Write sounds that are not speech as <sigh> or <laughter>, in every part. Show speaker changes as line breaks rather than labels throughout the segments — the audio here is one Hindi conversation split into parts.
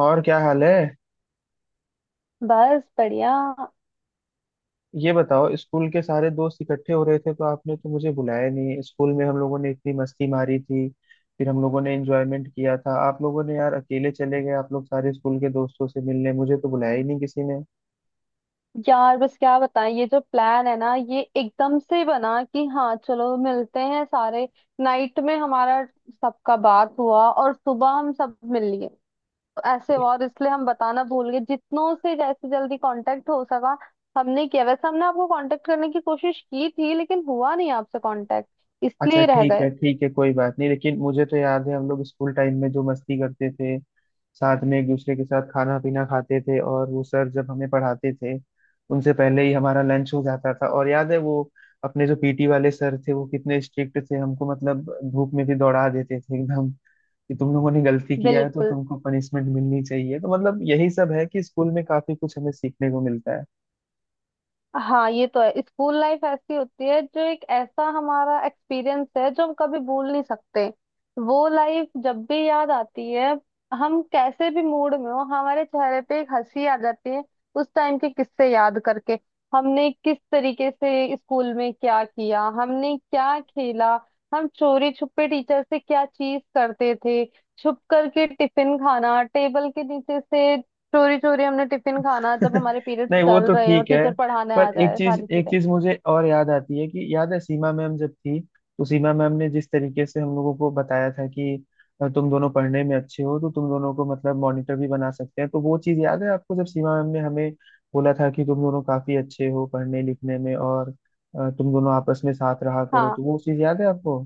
और क्या हाल है।
बस बढ़िया।
ये बताओ, स्कूल के सारे दोस्त इकट्ठे हो रहे थे तो आपने तो मुझे बुलाया नहीं। स्कूल में हम लोगों ने इतनी मस्ती मारी थी, फिर हम लोगों ने एंजॉयमेंट किया था। आप लोगों ने यार अकेले चले गए, आप लोग सारे स्कूल के दोस्तों से मिलने, मुझे तो बुलाया ही नहीं किसी
यार बस क्या बताएं, ये जो प्लान है ना, ये एकदम से बना कि हाँ चलो मिलते हैं सारे। नाइट में हमारा सबका बात हुआ और सुबह हम सब मिल लिए। तो ऐसे
ने।
हुआ और इसलिए हम बताना भूल गए। जितनों से जैसे जल्दी कांटेक्ट हो सका हमने किया। वैसे हमने आपको कांटेक्ट करने की कोशिश की थी, लेकिन हुआ नहीं आपसे कांटेक्ट,
अच्छा
इसलिए रह
ठीक
गए।
है ठीक है, कोई बात नहीं। लेकिन मुझे तो याद है हम लोग स्कूल टाइम में जो मस्ती करते थे, साथ में एक दूसरे के साथ खाना पीना खाते थे। और वो सर जब हमें पढ़ाते थे, उनसे पहले ही हमारा लंच हो जाता था। और याद है वो अपने जो पीटी वाले सर थे, वो कितने स्ट्रिक्ट थे हमको, मतलब धूप में भी दौड़ा देते थे एकदम। कि तुम लोगों ने गलती किया है तो
बिल्कुल।
तुमको पनिशमेंट मिलनी चाहिए। तो मतलब यही सब है कि स्कूल में काफी कुछ हमें सीखने को मिलता है।
हाँ ये तो है, स्कूल लाइफ ऐसी होती है जो एक ऐसा हमारा एक्सपीरियंस है जो हम कभी भूल नहीं सकते। वो लाइफ जब भी याद आती है, हम कैसे भी मूड में हो, हमारे चेहरे पे एक हंसी आ जाती है उस टाइम के किस्से याद करके। हमने किस तरीके से स्कूल में क्या किया, हमने क्या खेला, हम चोरी छुपे टीचर से क्या चीज करते थे, छुप करके टिफिन खाना टेबल के नीचे से, चोरी चोरी हमने टिफिन खाना जब
<laughs>
हमारे पीरियड्स
नहीं वो
चल
तो
रहे हो,
ठीक है।
टीचर पढ़ाने आ
पर एक
जाए,
चीज
सारी
एक
चीजें।
चीज मुझे और याद आती है कि याद है, सीमा मैम जब थी, तो सीमा मैम ने जिस तरीके से हम लोगों को बताया था कि तुम दोनों पढ़ने में अच्छे हो, तो तुम दोनों को मतलब मॉनिटर भी बना सकते हैं। तो वो चीज याद है आपको, जब सीमा मैम ने हमें बोला था कि तुम दोनों काफी अच्छे हो पढ़ने लिखने में, और तुम दोनों आपस में साथ रहा करो।
हाँ।
तो वो चीज याद है आपको।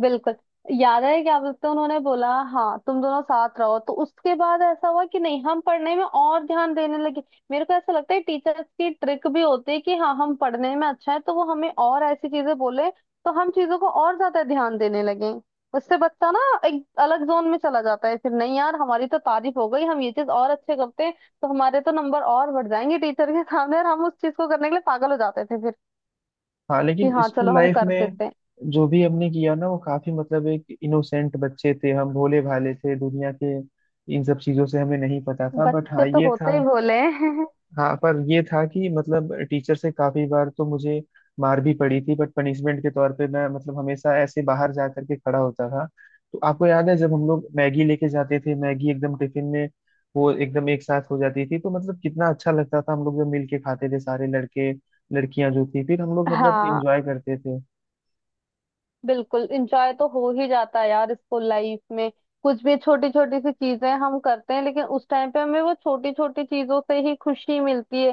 बिल्कुल। याद है, क्या बोलते हैं, उन्होंने बोला हाँ तुम दोनों साथ रहो, तो उसके बाद ऐसा हुआ कि नहीं हम पढ़ने में और ध्यान देने लगे। मेरे को ऐसा लगता है टीचर्स की ट्रिक भी होती है कि हाँ हम पढ़ने में अच्छा है, तो वो हमें और ऐसी चीजें बोले तो हम चीजों को और ज्यादा ध्यान देने लगे। उससे बच्चा ना एक अलग जोन में चला जाता है फिर। नहीं यार, हमारी तो तारीफ हो गई, हम ये चीज और अच्छे करते हैं, तो हमारे तो नंबर और बढ़ जाएंगे टीचर के सामने, और हम उस चीज को करने के लिए पागल हो जाते थे फिर,
हाँ,
कि
लेकिन
हाँ
स्कूल
चलो हम
लाइफ
कर
में
देते हैं।
जो भी हमने किया ना, वो काफी मतलब, एक इनोसेंट बच्चे थे हम, भोले भाले थे दुनिया के। इन सब चीजों से हमें नहीं पता था, बट
बच्चे
हाँ
तो
ये
होते
था।
ही भोले हैं।
हाँ, पर ये था कि मतलब टीचर से काफी बार तो मुझे मार भी पड़ी थी। बट पनिशमेंट के तौर पे मैं मतलब हमेशा ऐसे बाहर जा करके खड़ा होता था। तो आपको याद है जब हम लोग मैगी लेके जाते थे, मैगी एकदम टिफिन में वो एकदम एक साथ हो जाती थी, तो मतलब कितना अच्छा लगता था हम लोग जब मिल के खाते थे, सारे लड़के लड़कियां जो थी, फिर हम लोग मतलब
हाँ
इंजॉय करते थे।
बिल्कुल, इंजॉय तो हो ही जाता है यार स्कूल लाइफ में। कुछ भी छोटी छोटी सी चीजें हम करते हैं, लेकिन उस टाइम पे हमें वो छोटी छोटी चीजों से ही खुशी मिलती है।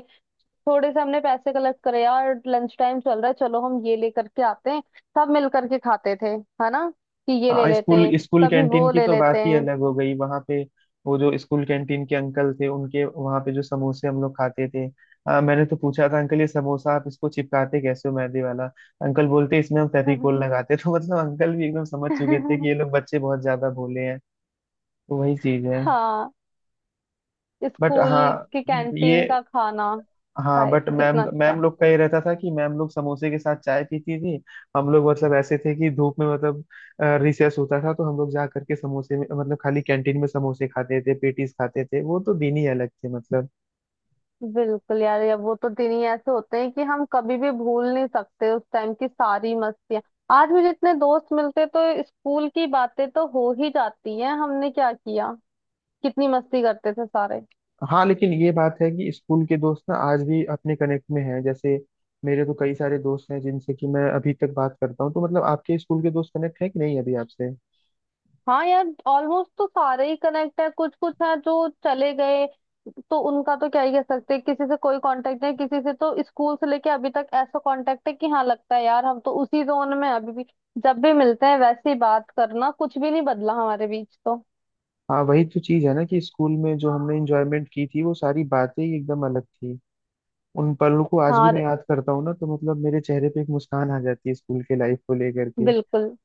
थोड़े से हमने पैसे कलेक्ट करे, यार लंच टाइम चल रहा है, चलो हम ये लेकर के आते हैं, सब मिल करके खाते थे। है ना, कि ये ले
हाँ,
लेते
स्कूल
हैं
स्कूल
कभी,
कैंटीन
वो
की
ले
तो
लेते
बात ही अलग हो गई। वहां पे वो जो स्कूल कैंटीन के अंकल थे, उनके वहां पे जो समोसे हम लोग खाते थे, हाँ, मैंने तो पूछा था, अंकल ये समोसा आप इसको चिपकाते कैसे हो मैदे वाला। अंकल बोलते, इसमें हम
हैं।
फेविकोल लगाते हैं।" <laughs> तो मतलब अंकल भी एकदम समझ चुके थे कि ये
<laughs>
लोग बच्चे बहुत ज्यादा भोले हैं। तो वही चीज है।
हाँ,
बट
स्कूल
हाँ
की
ये,
कैंटीन का खाना।
हाँ
हाय
बट मैम
कितना अच्छा।
मैम लोग का ये रहता था कि मैम लोग समोसे के साथ चाय पीती थी। हम लोग मतलब ऐसे थे कि धूप में, मतलब रिसेस होता था तो हम लोग जा करके समोसे में, मतलब खाली कैंटीन में समोसे खाते थे, पेटीज खाते थे, वो तो दिन ही अलग थे मतलब।
बिल्कुल यार, या वो तो दिन ही ऐसे होते हैं कि हम कभी भी भूल नहीं सकते उस टाइम की सारी मस्तियां। आज भी जितने दोस्त मिलते तो स्कूल की बातें तो हो ही जाती हैं, हमने क्या किया, कितनी मस्ती करते थे सारे।
हाँ, लेकिन ये बात है कि स्कूल के दोस्त ना आज भी अपने कनेक्ट में हैं। जैसे मेरे तो कई सारे दोस्त हैं जिनसे कि मैं अभी तक बात करता हूँ। तो मतलब आपके स्कूल के दोस्त कनेक्ट है कि नहीं अभी आपसे।
हाँ यार, ऑलमोस्ट तो सारे ही कनेक्ट है। कुछ कुछ है जो चले गए, तो उनका तो क्या ही कह सकते हैं, किसी से कोई कांटेक्ट नहीं। किसी से तो स्कूल से लेके अभी तक ऐसा कांटेक्ट है कि हाँ लगता है यार हम तो उसी जोन में हैं अभी भी। जब भी मिलते हैं वैसे ही बात करना, कुछ भी नहीं बदला हमारे बीच तो।
हाँ वही तो चीज़ है ना कि स्कूल में जो हमने इंजॉयमेंट की थी, वो सारी बातें ही एकदम अलग थी। उन पलों को आज भी मैं
हाँ
याद करता हूँ ना, तो मतलब मेरे चेहरे पे एक मुस्कान आ जाती है स्कूल के लाइफ को लेकर के।
बिल्कुल,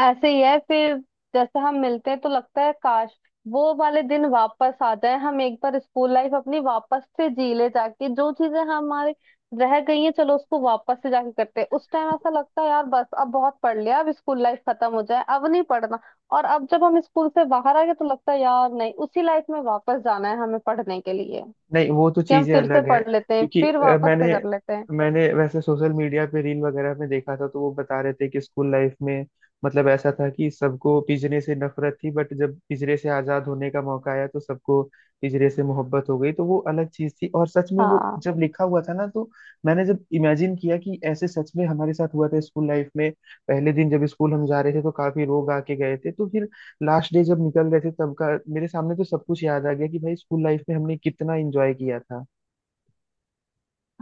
ऐसे ही है फिर। जैसे हम मिलते हैं तो लगता है काश वो वाले दिन वापस आ जाए, हम एक बार स्कूल लाइफ अपनी वापस से जी ले, जाके जो चीजें हमारे रह गई हैं, चलो उसको वापस से जाके करते हैं। उस टाइम ऐसा लगता है यार बस अब बहुत पढ़ लिया, अब स्कूल लाइफ खत्म हो जाए, अब नहीं पढ़ना, और अब जब हम स्कूल से बाहर आ गए तो लगता है यार नहीं उसी लाइफ में वापस जाना है हमें पढ़ने के लिए,
नहीं वो तो
कि हम
चीजें
फिर से
अलग हैं।
पढ़ लेते हैं,
क्योंकि
फिर
अ,
वापस से
मैंने
कर लेते हैं।
मैंने वैसे सोशल मीडिया पे रील वगैरह में देखा था, तो वो बता रहे थे कि स्कूल लाइफ में मतलब ऐसा था कि सबको पिंजरे से नफरत थी, बट जब पिंजरे से आजाद होने का मौका आया तो सबको पिंजरे से मोहब्बत हो गई। तो वो अलग चीज थी। और सच में वो
हाँ।
जब लिखा हुआ था ना, तो मैंने जब इमेजिन किया कि ऐसे सच में हमारे साथ हुआ था स्कूल लाइफ में। पहले दिन जब स्कूल हम जा रहे थे तो काफी लोग आके गए थे, तो फिर लास्ट डे जब निकल रहे थे तब का मेरे सामने तो सब कुछ याद आ गया कि भाई स्कूल लाइफ में हमने कितना एंजॉय किया था।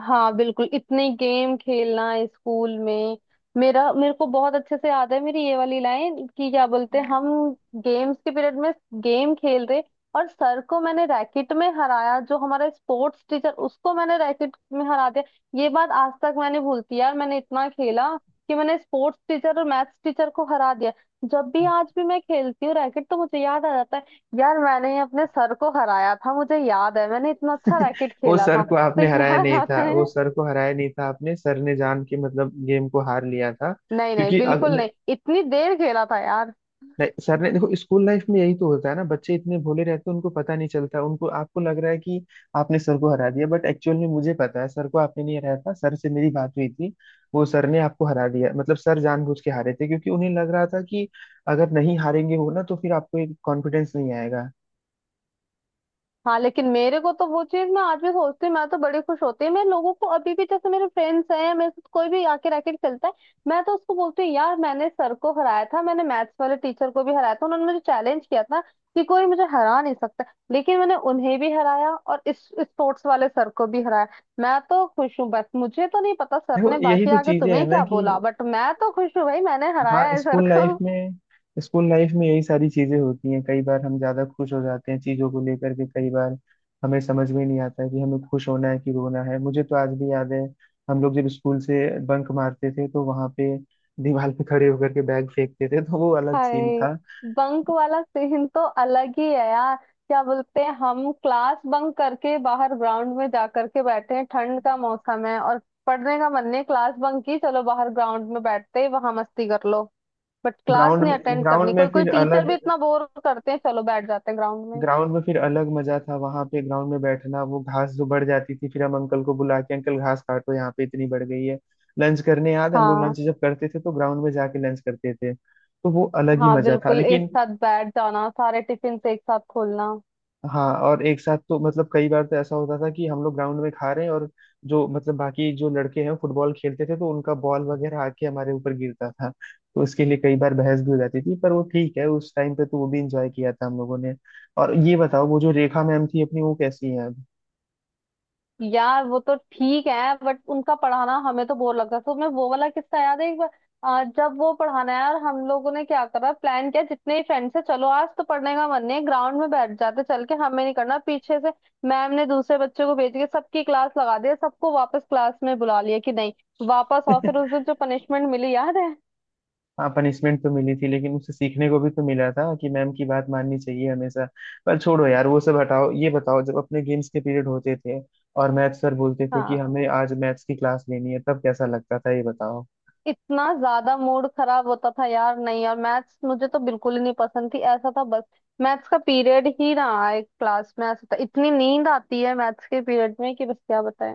हाँ बिल्कुल, इतने गेम खेलना स्कूल में। मेरा मेरे को बहुत अच्छे से याद है, मेरी ये वाली लाइन कि क्या बोलते हैं हम, गेम्स के पीरियड में गेम खेल रहे और सर को मैंने रैकेट में हराया, जो हमारा स्पोर्ट्स टीचर, उसको मैंने रैकेट में हरा दिया। ये बात आज तक मैंने भूलती यार, मैंने इतना खेला कि मैंने स्पोर्ट्स टीचर और मैथ्स टीचर को हरा दिया। जब भी आज भी मैं खेलती हूँ रैकेट तो मुझे याद आ जाता है यार, मैंने अपने सर को हराया था, मुझे याद है मैंने इतना अच्छा
<laughs>
रैकेट
वो
खेला
सर
था।
को
तो
आपने हराया
याद
नहीं था।
आता है।
वो सर को हराया नहीं था आपने, सर ने जान के मतलब गेम को हार लिया था।
नहीं नहीं,
क्योंकि अग,
बिल्कुल नहीं, इतनी देर खेला था यार।
नहीं सर ने, देखो स्कूल लाइफ में यही तो होता है ना, बच्चे इतने भोले रहते हैं, उनको पता नहीं चलता, उनको आपको लग रहा है कि आपने सर को हरा दिया, बट एक्चुअल में मुझे पता है सर को आपने नहीं हराया था। सर से मेरी बात हुई थी, वो सर ने आपको हरा दिया, मतलब सर जानबूझ के हारे थे, क्योंकि उन्हें लग रहा था कि अगर नहीं हारेंगे वो ना, तो फिर आपको एक कॉन्फिडेंस नहीं आएगा।
हाँ, लेकिन मेरे को तो वो चीज मैं आज भी सोचती हूँ। मैं तो बड़ी खुश होती है, मैं लोगों को अभी भी जैसे मेरे फ्रेंड्स हैं, मेरे साथ कोई भी आके रैकेट खेलता है, मैं तो उसको बोलती हूँ यार मैंने सर को हराया था, मैंने मैथ्स वाले टीचर को भी हराया था, उन्होंने मुझे चैलेंज किया था कि कोई मुझे हरा नहीं सकता, लेकिन मैंने उन्हें भी हराया और इस स्पोर्ट्स वाले सर को भी हराया। मैं तो खुश हूँ बस, मुझे तो नहीं पता सर
देखो
ने
यही
बाकी
तो
आगे
चीजें है
तुम्हें
ना,
क्या
कि
बोला, बट मैं तो खुश हूँ भाई, मैंने
हाँ
हराया है सर
स्कूल
को।
लाइफ में स्कूल लाइफ में यही सारी चीजें होती हैं। कई बार हम ज्यादा खुश हो जाते हैं चीजों को लेकर के, कई बार हमें समझ में नहीं आता है कि हमें खुश होना है कि रोना है। मुझे तो आज भी याद है हम लोग जब स्कूल से बंक मारते थे तो वहां पे दीवार पे खड़े होकर के बैग फेंकते थे, तो वो अलग सीन
हाय,
था।
बंक वाला सीन तो अलग ही है यार। क्या बोलते हैं हम, क्लास बंक करके बाहर ग्राउंड में जा करके बैठे हैं, ठंड का मौसम है और पढ़ने का मन नहीं, क्लास बंक की, चलो बाहर ग्राउंड में बैठते हैं, वहां मस्ती कर लो, बट क्लास नहीं अटेंड करनी।
ग्राउंड में
कोई कोई
फिर
टीचर
अलग
भी इतना बोर करते हैं, चलो बैठ जाते हैं ग्राउंड में।
ग्राउंड में फिर अलग मजा था, वहां पे ग्राउंड में बैठना, वो घास जो बढ़ जाती थी, फिर हम अंकल को बुला के, अंकल घास काटो यहाँ पे इतनी बढ़ गई है। लंच करने याद है, हम लोग
हाँ।
लंच जब करते थे तो ग्राउंड में जाके लंच करते थे, तो वो अलग ही
हाँ
मजा था।
बिल्कुल, एक
लेकिन
साथ बैठ जाना, सारे टिफिन एक साथ खोलना।
हाँ, और एक साथ तो मतलब कई बार तो ऐसा होता था कि हम लोग ग्राउंड में खा रहे हैं, और जो मतलब बाकी जो लड़के हैं फुटबॉल खेलते थे, तो उनका बॉल वगैरह आके हमारे ऊपर गिरता था, तो उसके लिए कई बार बहस भी हो जाती थी। पर वो ठीक है, उस टाइम पे तो वो भी इंजॉय किया था हम लोगों ने। और ये बताओ, वो जो रेखा मैम थी अपनी, वो कैसी है।
यार वो तो ठीक है, बट उनका पढ़ाना हमें तो बोर लगता है। तो मैं वो वाला किस्सा याद है एक बार, जब वो पढ़ाना है यार, हम लोगों ने क्या करा, प्लान किया जितने ही फ्रेंड्स है, चलो आज तो पढ़ने का मन नहीं है, ग्राउंड में बैठ जाते चल के, हमें नहीं करना। पीछे से मैम ने दूसरे बच्चे को भेज के सबकी क्लास लगा दिया, सबको वापस क्लास में बुला लिया, कि नहीं वापस, और फिर उस दिन
<laughs>
जो पनिशमेंट मिली याद है।
हाँ पनिशमेंट तो मिली थी, लेकिन उससे सीखने को भी तो मिला था कि मैम की बात माननी चाहिए हमेशा। पर छोड़ो यार वो सब, हटाओ, ये बताओ जब अपने गेम्स के पीरियड होते थे और मैथ सर बोलते थे कि
हाँ।
हमें आज मैथ्स की क्लास लेनी है, तब कैसा लगता था ये बताओ।
इतना ज्यादा मूड खराब होता था यार, नहीं यार मैथ्स मुझे तो बिल्कुल ही नहीं पसंद थी, ऐसा था बस मैथ्स का पीरियड ही ना आए क्लास में। ऐसा था, इतनी नींद आती है मैथ्स के पीरियड में कि बस क्या बताएं,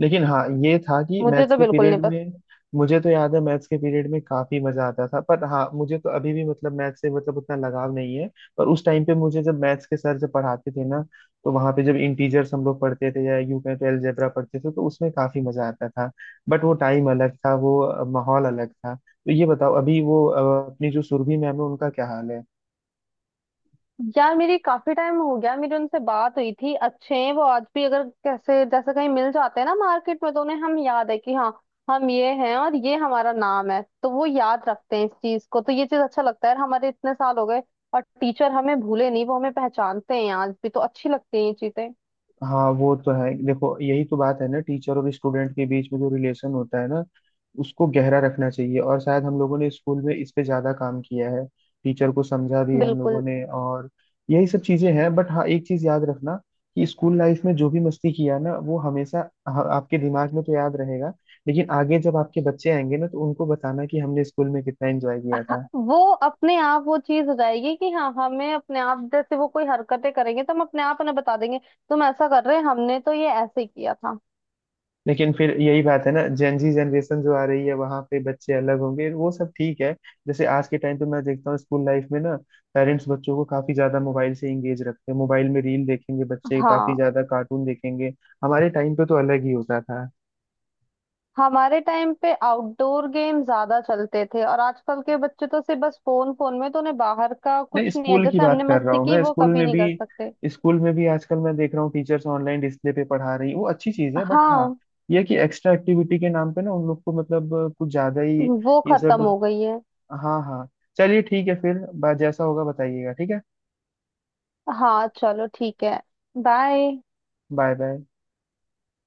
लेकिन हाँ ये था कि
मुझे
मैथ्स
तो
के
बिल्कुल नहीं।
पीरियड में, मुझे तो याद है मैथ्स के पीरियड में काफी मजा आता था। पर हाँ, मुझे तो अभी भी मतलब मैथ्स से मतलब उतना लगाव नहीं है। पर उस टाइम पे मुझे जब मैथ्स के सर जब पढ़ाते थे ना, तो वहां पे जब इंटीजर्स हम लोग पढ़ते थे, या यूं कहें तो अलजेब्रा पढ़ते थे, तो उसमें काफी मजा आता था। बट वो टाइम अलग था, वो माहौल अलग था। तो ये बताओ अभी वो अपनी जो सुरभि मैम है, उनका क्या हाल है।
यार मेरी काफी टाइम हो गया मेरी उनसे बात हुई थी, अच्छे हैं वो आज भी। अगर कैसे जैसे कहीं मिल जाते हैं ना मार्केट में, तो उन्हें हम याद है कि हाँ हम ये हैं और ये हमारा नाम है, तो वो याद रखते हैं इस चीज को। तो ये चीज अच्छा लगता है यार, हमारे इतने साल हो गए और टीचर हमें भूले नहीं, वो हमें पहचानते हैं आज भी, तो अच्छी लगती हैं ये चीजें।
हाँ वो तो है, देखो यही तो बात है ना, टीचर और स्टूडेंट के बीच में जो रिलेशन होता है ना, उसको गहरा रखना चाहिए, और शायद हम लोगों ने स्कूल में इस पे ज्यादा काम किया है। टीचर को समझा भी है हम लोगों
बिल्कुल।
ने, और यही सब चीजें हैं। बट हाँ एक चीज याद रखना, कि स्कूल लाइफ में जो भी मस्ती किया ना, वो हमेशा आपके दिमाग में तो याद रहेगा। लेकिन आगे जब आपके बच्चे आएंगे ना, तो उनको बताना कि हमने स्कूल में कितना एंजॉय
<laughs>
किया
हाँ,
था।
वो अपने आप वो चीज हो जाएगी कि हाँ, हमें अपने आप जैसे वो कोई हरकतें करेंगे तो हम अपने आप उन्हें बता देंगे, तुम ऐसा कर रहे हैं, हमने तो ये ऐसे किया था।
लेकिन फिर यही बात है ना, जेनजी जनरेशन जो आ रही है, वहां पे बच्चे अलग होंगे, वो सब ठीक है। जैसे आज के टाइम पे मैं देखता हूँ स्कूल लाइफ में ना, पेरेंट्स बच्चों को काफी ज्यादा मोबाइल से इंगेज रखते हैं, मोबाइल में रील देखेंगे बच्चे, काफी
हाँ।
ज्यादा कार्टून देखेंगे। हमारे टाइम पे तो अलग ही होता था।
हमारे टाइम पे आउटडोर गेम ज्यादा चलते थे, और आजकल के बच्चे तो सिर्फ बस फोन, फोन में, तो उन्हें बाहर का
नहीं
कुछ नहीं है,
स्कूल की
जैसे
बात
हमने
कर रहा
मस्ती
हूँ
की
मैं,
वो
स्कूल
कभी
में
नहीं
भी,
कर सकते।
स्कूल में भी आजकल मैं देख रहा हूँ टीचर्स ऑनलाइन डिस्प्ले पे पढ़ा रही, वो अच्छी चीज है। बट हाँ
हाँ,
ये है कि एक्स्ट्रा एक्टिविटी के नाम पे ना उन लोग को मतलब कुछ ज्यादा ही,
वो
ये सब,
खत्म हो गई है।
हाँ हाँ। चलिए ठीक है फिर, जैसा होगा बताइएगा, ठीक है।
हाँ चलो ठीक है। बाय।
Bye bye.